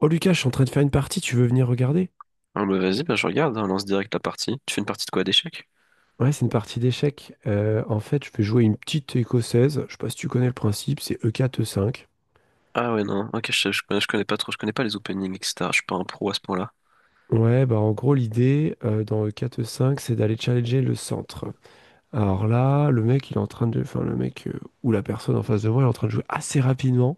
Oh Lucas, je suis en train de faire une partie, tu veux venir regarder? Ah bah vas-y, bah je regarde, hein, on lance direct la partie. Tu fais une partie de quoi, d'échecs? Ouais, c'est une partie d'échecs. En fait, je vais jouer une petite écossaise. Je sais pas si tu connais le principe, c'est E4, E5. Ah ouais, non, ok, je connais, je connais pas trop, je connais pas les openings, etc. Je suis pas un pro à ce point-là. Ouais, bah en gros, l'idée dans E4, E5, c'est d'aller challenger le centre. Alors là, le mec, il est en train de. Enfin, le mec ou la personne en face de moi, il est en train de jouer assez rapidement.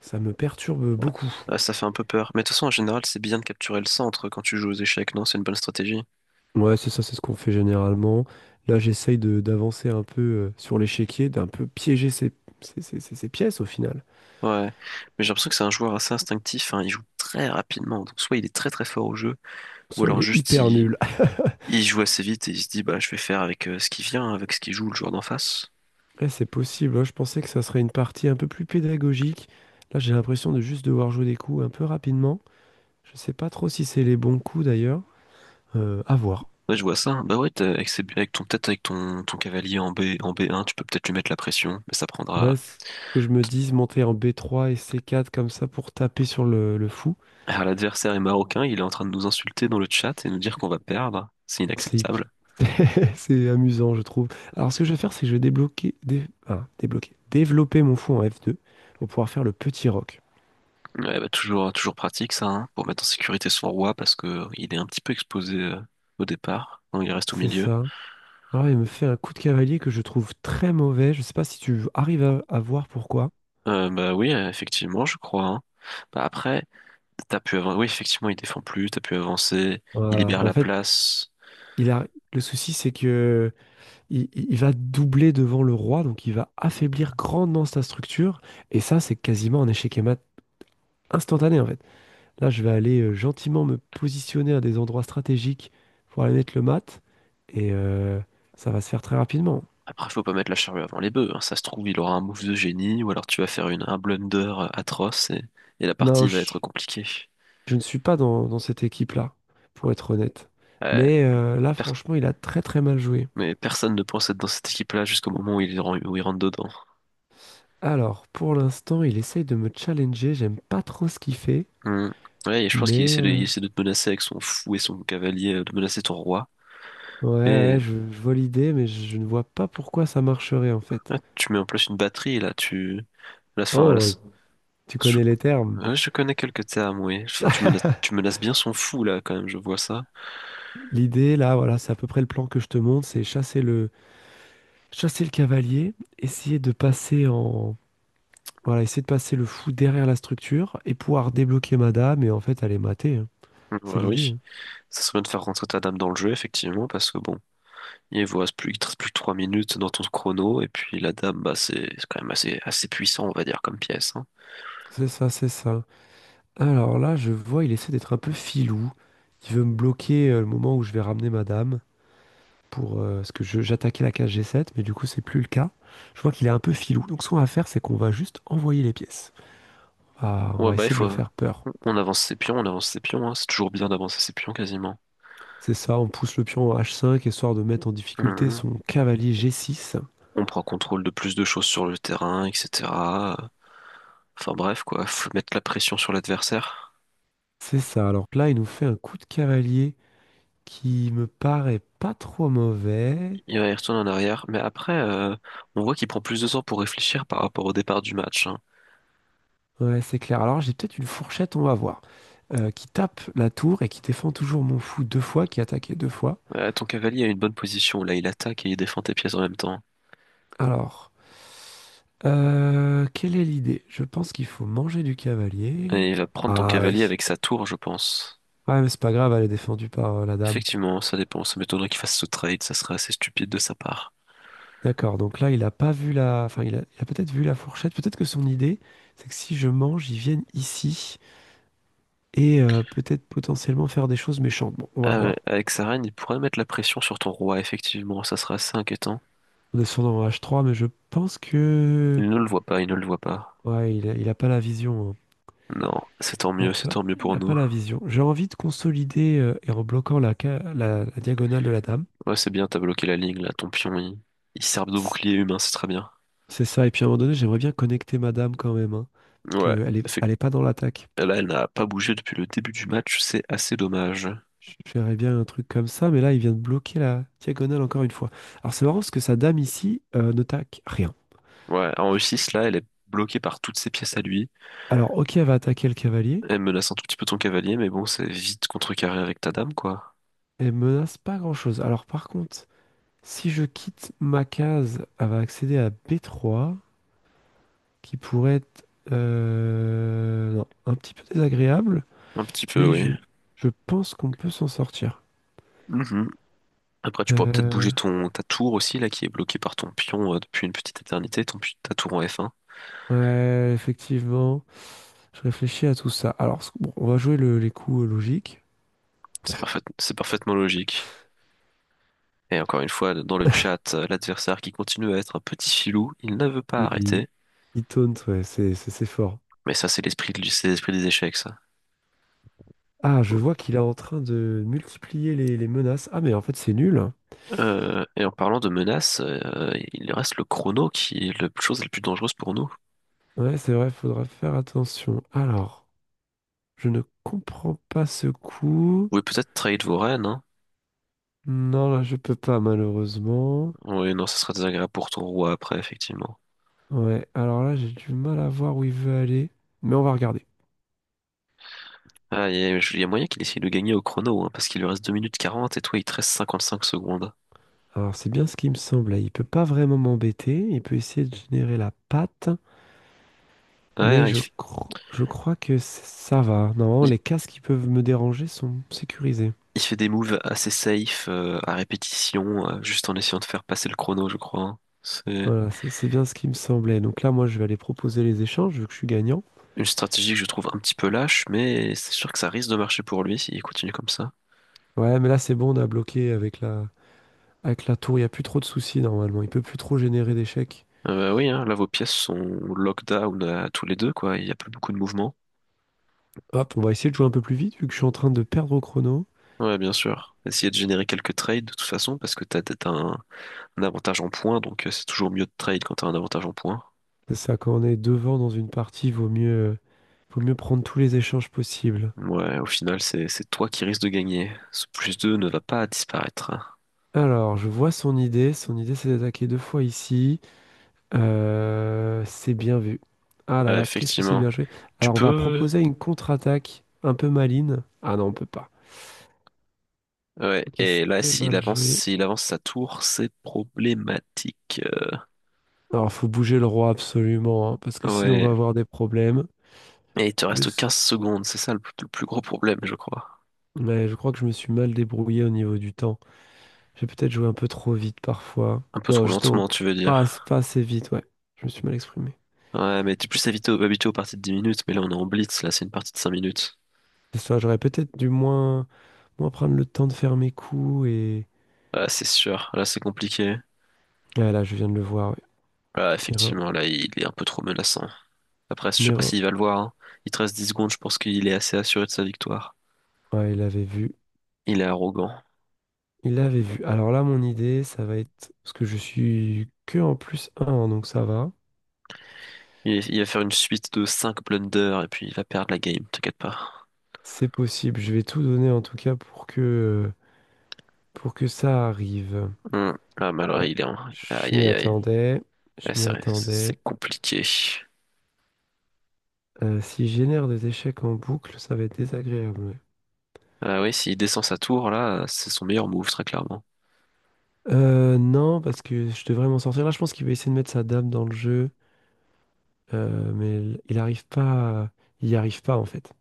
Ça me perturbe beaucoup. Ah, ça fait un peu peur. Mais de toute façon, en général, c'est bien de capturer le centre quand tu joues aux échecs, non? C'est une bonne stratégie. Ouais, c'est ça, c'est ce qu'on fait généralement. Là, j'essaye d'avancer un peu sur l'échiquier, d'un peu piéger ses pièces au final. Ouais. Mais j'ai l'impression que c'est un joueur assez instinctif, hein. Il joue très rapidement. Donc soit il est très très fort au jeu, ou Soit il alors est juste hyper il, nul. il joue assez vite et il se dit, bah je vais faire avec ce qui vient, avec ce qui joue le joueur d'en face. Eh, c'est possible, hein. Je pensais que ça serait une partie un peu plus pédagogique. Là, j'ai l'impression de juste devoir jouer des coups un peu rapidement. Je sais pas trop si c'est les bons coups d'ailleurs. À voir. Ouais, je vois ça. Bah ouais, avec, avec ton, peut-être avec ton, ton cavalier en B, en B1, tu peux peut-être lui mettre la pression, mais ça Voilà prendra. ce que je me dis, monter en B3 et C4 comme ça pour taper sur le fou. Alors, l'adversaire est marocain, il est en train de nous insulter dans le chat et nous dire qu'on va perdre. C'est C'est hip- inacceptable. c'est amusant, je trouve. Alors, ce que je vais faire, c'est que je vais débloquer, dé- ah, débloquer, développer mon fou en F2 pour pouvoir faire le petit roc. Ouais, bah, toujours, toujours pratique ça, hein, pour mettre en sécurité son roi parce que il est un petit peu exposé au départ, donc il reste au C'est milieu. ça. Alors, il me fait un coup de cavalier que je trouve très mauvais. Je sais pas si tu arrives à voir pourquoi. Bah oui, effectivement, je crois, hein. Bah après, t'as pu avancer. Oui, effectivement, il défend plus, t'as pu avancer, il Voilà. libère En la fait, place. il a... le souci, c'est que il va doubler devant le roi, donc il va affaiblir grandement sa structure. Et ça, c'est quasiment un échec et mat instantané, en fait. Là, je vais aller gentiment me positionner à des endroits stratégiques pour aller mettre le mat. Et ça va se faire très rapidement. Après, faut pas mettre la charrue avant les bœufs, hein. Ça se trouve, il aura un move de génie, ou alors tu vas faire une, un blunder atroce et la Non, partie va être je, compliquée. je ne suis pas dans cette équipe-là, pour être honnête. Ouais. Mais là, franchement, il a très très mal joué. Mais personne ne pense être dans cette équipe-là jusqu'au moment où il, où il rentre dedans. Alors, pour l'instant, il essaye de me challenger. J'aime pas trop ce qu'il fait, Hmm. Ouais, et je pense qu'il mais... essaie de, il euh, essaie de te menacer avec son fou et son cavalier, de menacer ton roi. Ouais, ouais, Mais je vois l'idée, mais je ne vois pas pourquoi ça marcherait en fait. là, tu mets en place une batterie, là, tu... Là, fin, là, Oh, tu je, connais les termes. ouais, je connais quelques termes, oui. Enfin, tu menaces bien son fou, là, quand même, je vois ça. L'idée, là, voilà, c'est à peu près le plan que je te montre, c'est chasser le cavalier, essayer de passer en, voilà, essayer de passer le fou derrière la structure et pouvoir débloquer Madame et en fait aller mater, hein. C'est Ouais, l'idée. oui. hein. Ça serait bien de faire rentrer ta dame dans le jeu, effectivement, parce que bon... Il vous reste plus, il te reste plus que 3 minutes dans ton chrono, et puis la dame, bah, c'est quand même assez, assez puissant, on va dire, comme pièce, hein. C'est ça, c'est ça. Alors là, je vois, il essaie d'être un peu filou. Il veut me bloquer le moment où je vais ramener Madame, pour parce que je- j'attaquais la case G7, mais du coup c'est plus le cas. Je vois qu'il est un peu filou. Donc ce qu'on va faire, c'est qu'on va juste envoyer les pièces. Ah, on Ouais, va bah, il essayer de le faut, faire peur. on avance ses pions, on avance ses pions, hein. C'est toujours bien d'avancer ses pions, quasiment. C'est ça, on pousse le pion en H5 histoire de mettre en difficulté Mhm. son cavalier G6. On prend contrôle de plus de choses sur le terrain, etc. Enfin bref, quoi, faut mettre la pression sur l'adversaire. C'est ça. Alors là, il nous fait un coup de cavalier qui me paraît pas trop mauvais. Il va y retourner en arrière, mais après, on voit qu'il prend plus de temps pour réfléchir par rapport au départ du match, hein. Ouais, c'est clair. Alors j'ai peut-être une fourchette, on va voir, qui tape la tour et qui défend toujours mon fou deux fois, qui attaquait deux fois. Ton cavalier a une bonne position là, il attaque et il défend tes pièces en même temps. Alors, quelle est l'idée? Je pense qu'il faut manger du cavalier. Et il va prendre ton Ah cavalier oui. avec sa tour, je pense. Ouais, mais c'est pas grave, elle est défendue par la dame. Effectivement, ça dépend, ça m'étonnerait qu'il fasse ce trade, ça serait assez stupide de sa part. D'accord, donc là, il a pas vu. Enfin, il a peut-être vu la fourchette. Peut-être que son idée, c'est que si je mange, ils viennent ici et peut-être potentiellement faire des choses méchantes. Bon, on va Ah ouais, voir. avec sa reine, il pourrait mettre la pression sur ton roi, effectivement, ça serait assez inquiétant. On est sur dans H3, mais je pense Il ne le voit pas, il ne le voit pas. Ouais, il a pas la vision, hein. Non, Il a c'est pas, tant mieux il pour a pas nous. la vision. J'ai envie de consolider et en bloquant la diagonale de la dame. Ouais, c'est bien, t'as bloqué la ligne là, ton pion, il sert de bouclier humain, c'est très bien. C'est ça. Et puis à un moment donné, j'aimerais bien connecter Madame quand même, hein, parce Ouais, qu'elle est, elle effectivement. est pas dans l'attaque. Là, elle n'a pas bougé depuis le début du match, c'est assez dommage. Je bien un truc comme ça, mais là, il vient de bloquer la diagonale encore une fois. Alors c'est marrant parce que sa dame ici ne taque rien. Ouais, en E6, là, elle est bloquée par toutes ses pièces à lui. Alors ok, elle va attaquer le cavalier, Elle menace un tout petit peu ton cavalier, mais bon, c'est vite contrecarré avec ta dame, quoi. elle menace pas grand-chose. Alors par contre, si je quitte ma case, elle va accéder à B3, qui pourrait être non, un petit peu désagréable, Un petit peu, mais oui. je pense qu'on peut s'en sortir. Mhm. Après, tu pourras peut-être Euh, bouger ton, ta tour aussi, là, qui est bloquée par ton pion depuis une petite éternité, ton, ta tour en F1. ouais, effectivement. Je réfléchis à tout ça. Alors, bon, on va jouer les coups logiques. C'est parfait, c'est parfaitement logique. Et encore une fois, dans le chat, l'adversaire qui continue à être un petit filou, il ne veut pas Il, arrêter. il taunt, ouais, c'est fort. Mais ça, c'est l'esprit des échecs, ça. Ah, je Faut- vois qu'il est en train de multiplier les menaces. Ah, mais en fait, c'est nul. Et en parlant de menaces, il reste le chrono qui est la chose la plus dangereuse pour nous. Ouais, c'est vrai, faudra faire attention. Alors, je ne comprends pas ce coup. Vous pouvez peut-être trahir vos reines, hein. Non, là, je peux pas, malheureusement. Oui, non, ça sera désagréable pour ton roi après, effectivement. Ouais, alors là, j'ai du mal à voir où il veut aller. Mais on va regarder. Ah, il y a moyen qu'il essaye de gagner au chrono, hein, parce qu'il lui reste 2 minutes 40 et toi, il te reste 55 secondes. Alors, c'est bien ce qui me semble, là. Il peut pas vraiment m'embêter. Il peut essayer de générer la patte. Mais Ouais, il, f- je crois que ça va. Normalement, il- les casques qui peuvent me déranger sont sécurisés. il fait des moves assez safe, à répétition, juste en essayant de faire passer le chrono, je crois, hein. C'est Voilà, ça, c'est bien ce qui me semblait. Donc là, moi, je vais aller proposer les échanges, vu que je suis gagnant. une stratégie que je trouve un petit peu lâche, mais c'est sûr que ça risque de marcher pour lui s'il continue comme ça. Ouais, mais là, c'est bon, on a bloqué avec la, tour. Il n'y a plus trop de soucis, normalement. Il peut plus trop générer d'échecs. Bah oui, hein, là, vos pièces sont lockdown à tous les deux, quoi. Il n'y a plus beaucoup de mouvement. Hop, on va essayer de jouer un peu plus vite, vu que je suis en train de perdre au chrono. Ouais, bien sûr. Essayez de générer quelques trades, de toute façon, parce que t'as, t'as un avantage en points, donc c'est toujours mieux de trade quand t'as un avantage en points. C'est ça, quand on est devant dans une partie, vaut mieux prendre tous les échanges possibles. Ouais, au final, c'est toi qui risques de gagner. Ce plus 2 ne va pas disparaître, hein. Alors, je vois son idée. Son idée, c'est d'attaquer deux fois ici. C'est bien vu. Ah là Ouais, là, qu'est-ce que c'est bien effectivement. joué. Tu Alors, on va peux... proposer une contre-attaque un peu maligne. Ah non, on peut pas. Ouais, Ok, et là, c'était mal joué. s'il avance sa tour, c'est problématique. Alors, faut bouger le roi absolument, hein, parce que sinon on Ouais. va avoir des problèmes. Et il te Le... reste s- 15 secondes, c'est ça le plus gros problème, je crois. Ouais, je crois que je me suis mal débrouillé au niveau du temps. J'ai peut-être joué un peu trop vite parfois. Un peu Non, trop justement, lentement, tu veux dire. pas assez vite, ouais. Je me suis mal exprimé. Ouais, mais t'es plus habitué, habitué aux parties de 10 minutes, mais là, on est en blitz, là, c'est une partie de 5 minutes. C'est ça, j'aurais peut-être dû moins prendre le temps de faire mes coups Ouais, c'est sûr. Là, c'est compliqué. Ah là, je viens de le voir, ouais. Ah, Une erreur. effectivement, là, il est un peu trop menaçant. Après, je Une sais pas erreur. s'il va le voir, hein. Il te reste 10 secondes, je pense qu'il est assez assuré de sa victoire. Ouais, il avait vu. Il est arrogant. Il l'avait vu. Alors là, mon idée, ça va être, parce que je suis que en plus un, hein, donc ça va. Il va faire une suite de 5 blunders et puis il va perdre la game, t'inquiète pas. C'est possible. Je vais tout donner en tout cas pour que ça arrive. Hum. Ah, mais alors, Ouais. il est en... Je Aïe, m'y aïe, aïe. attendais. Je Ouais, m'y c'est vrai, attendais. c'est compliqué. Si je génère des échecs en boucle, ça va être désagréable, ouais. Ah oui, s'il descend sa tour, là, c'est son meilleur move, très clairement. Non, parce que je devrais m'en sortir. Là, je pense qu'il va essayer de mettre sa dame dans le jeu, mais il arrive pas. Il n'y arrive pas en fait.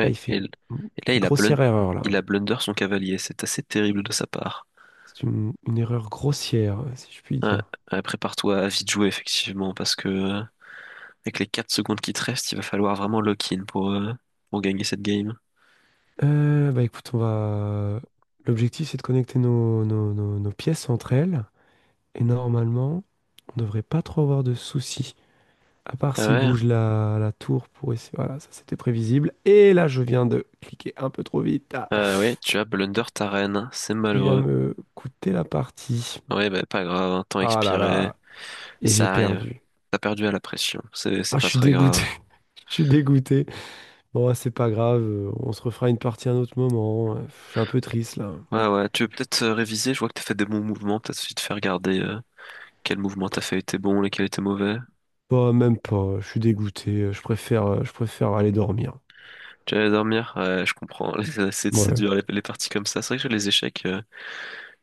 Là, il fait et, une l- et là, une grossière erreur là. il a blunder son cavalier. C'est assez terrible de sa part. C'est une erreur grossière, si je puis Ouais, dire. ouais, prépare-toi à vite jouer, effectivement, parce que... Avec les 4 secondes qui te restent, il va falloir vraiment lock-in pour gagner cette game. Bah écoute, on va. L'objectif, c'est de connecter nos pièces entre elles. Et normalement, on devrait pas trop avoir de soucis. À part Ah s'ils ouais, bougent la tour pour essayer. Voilà, ça c'était prévisible. Et là, je viens de cliquer un peu trop vite. Ah, ah ouais, tu as blunder ta reine, c'est qui vient malheureux. me coûter la partie. Ouais, bah pas grave, hein, temps Ah là expiré, là. Et j'ai ça arrive. perdu. T'as perdu à la pression, c'est Ah, c'est je pas suis très dégoûté. grave. Je suis dégoûté. Bon, c'est pas grave. On se refera une partie à un autre moment. Je suis un peu triste là. Ouais, ouais, tu veux peut-être réviser, je vois que t'as fait des bons mouvements, peut-être suffit de faire regarder quel mouvement t'as fait était bon, lesquels étaient mauvais. Bah, même pas, je suis dégoûté, je préfère aller dormir. Tu allais dormir? Ouais, je comprends, c'est Ouais, dur les parties comme ça. C'est vrai que sur les échecs,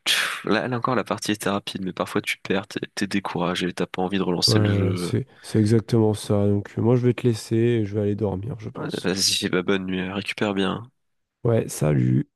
pff, là, là encore la partie était rapide, mais parfois tu perds, t'es découragé, t'as pas envie de relancer le ouais, jeu. c'est exactement ça. Donc, moi, je vais te laisser et je vais aller dormir, je Ouais, pense. vas-y, bah bonne nuit, récupère bien. Ouais, salut.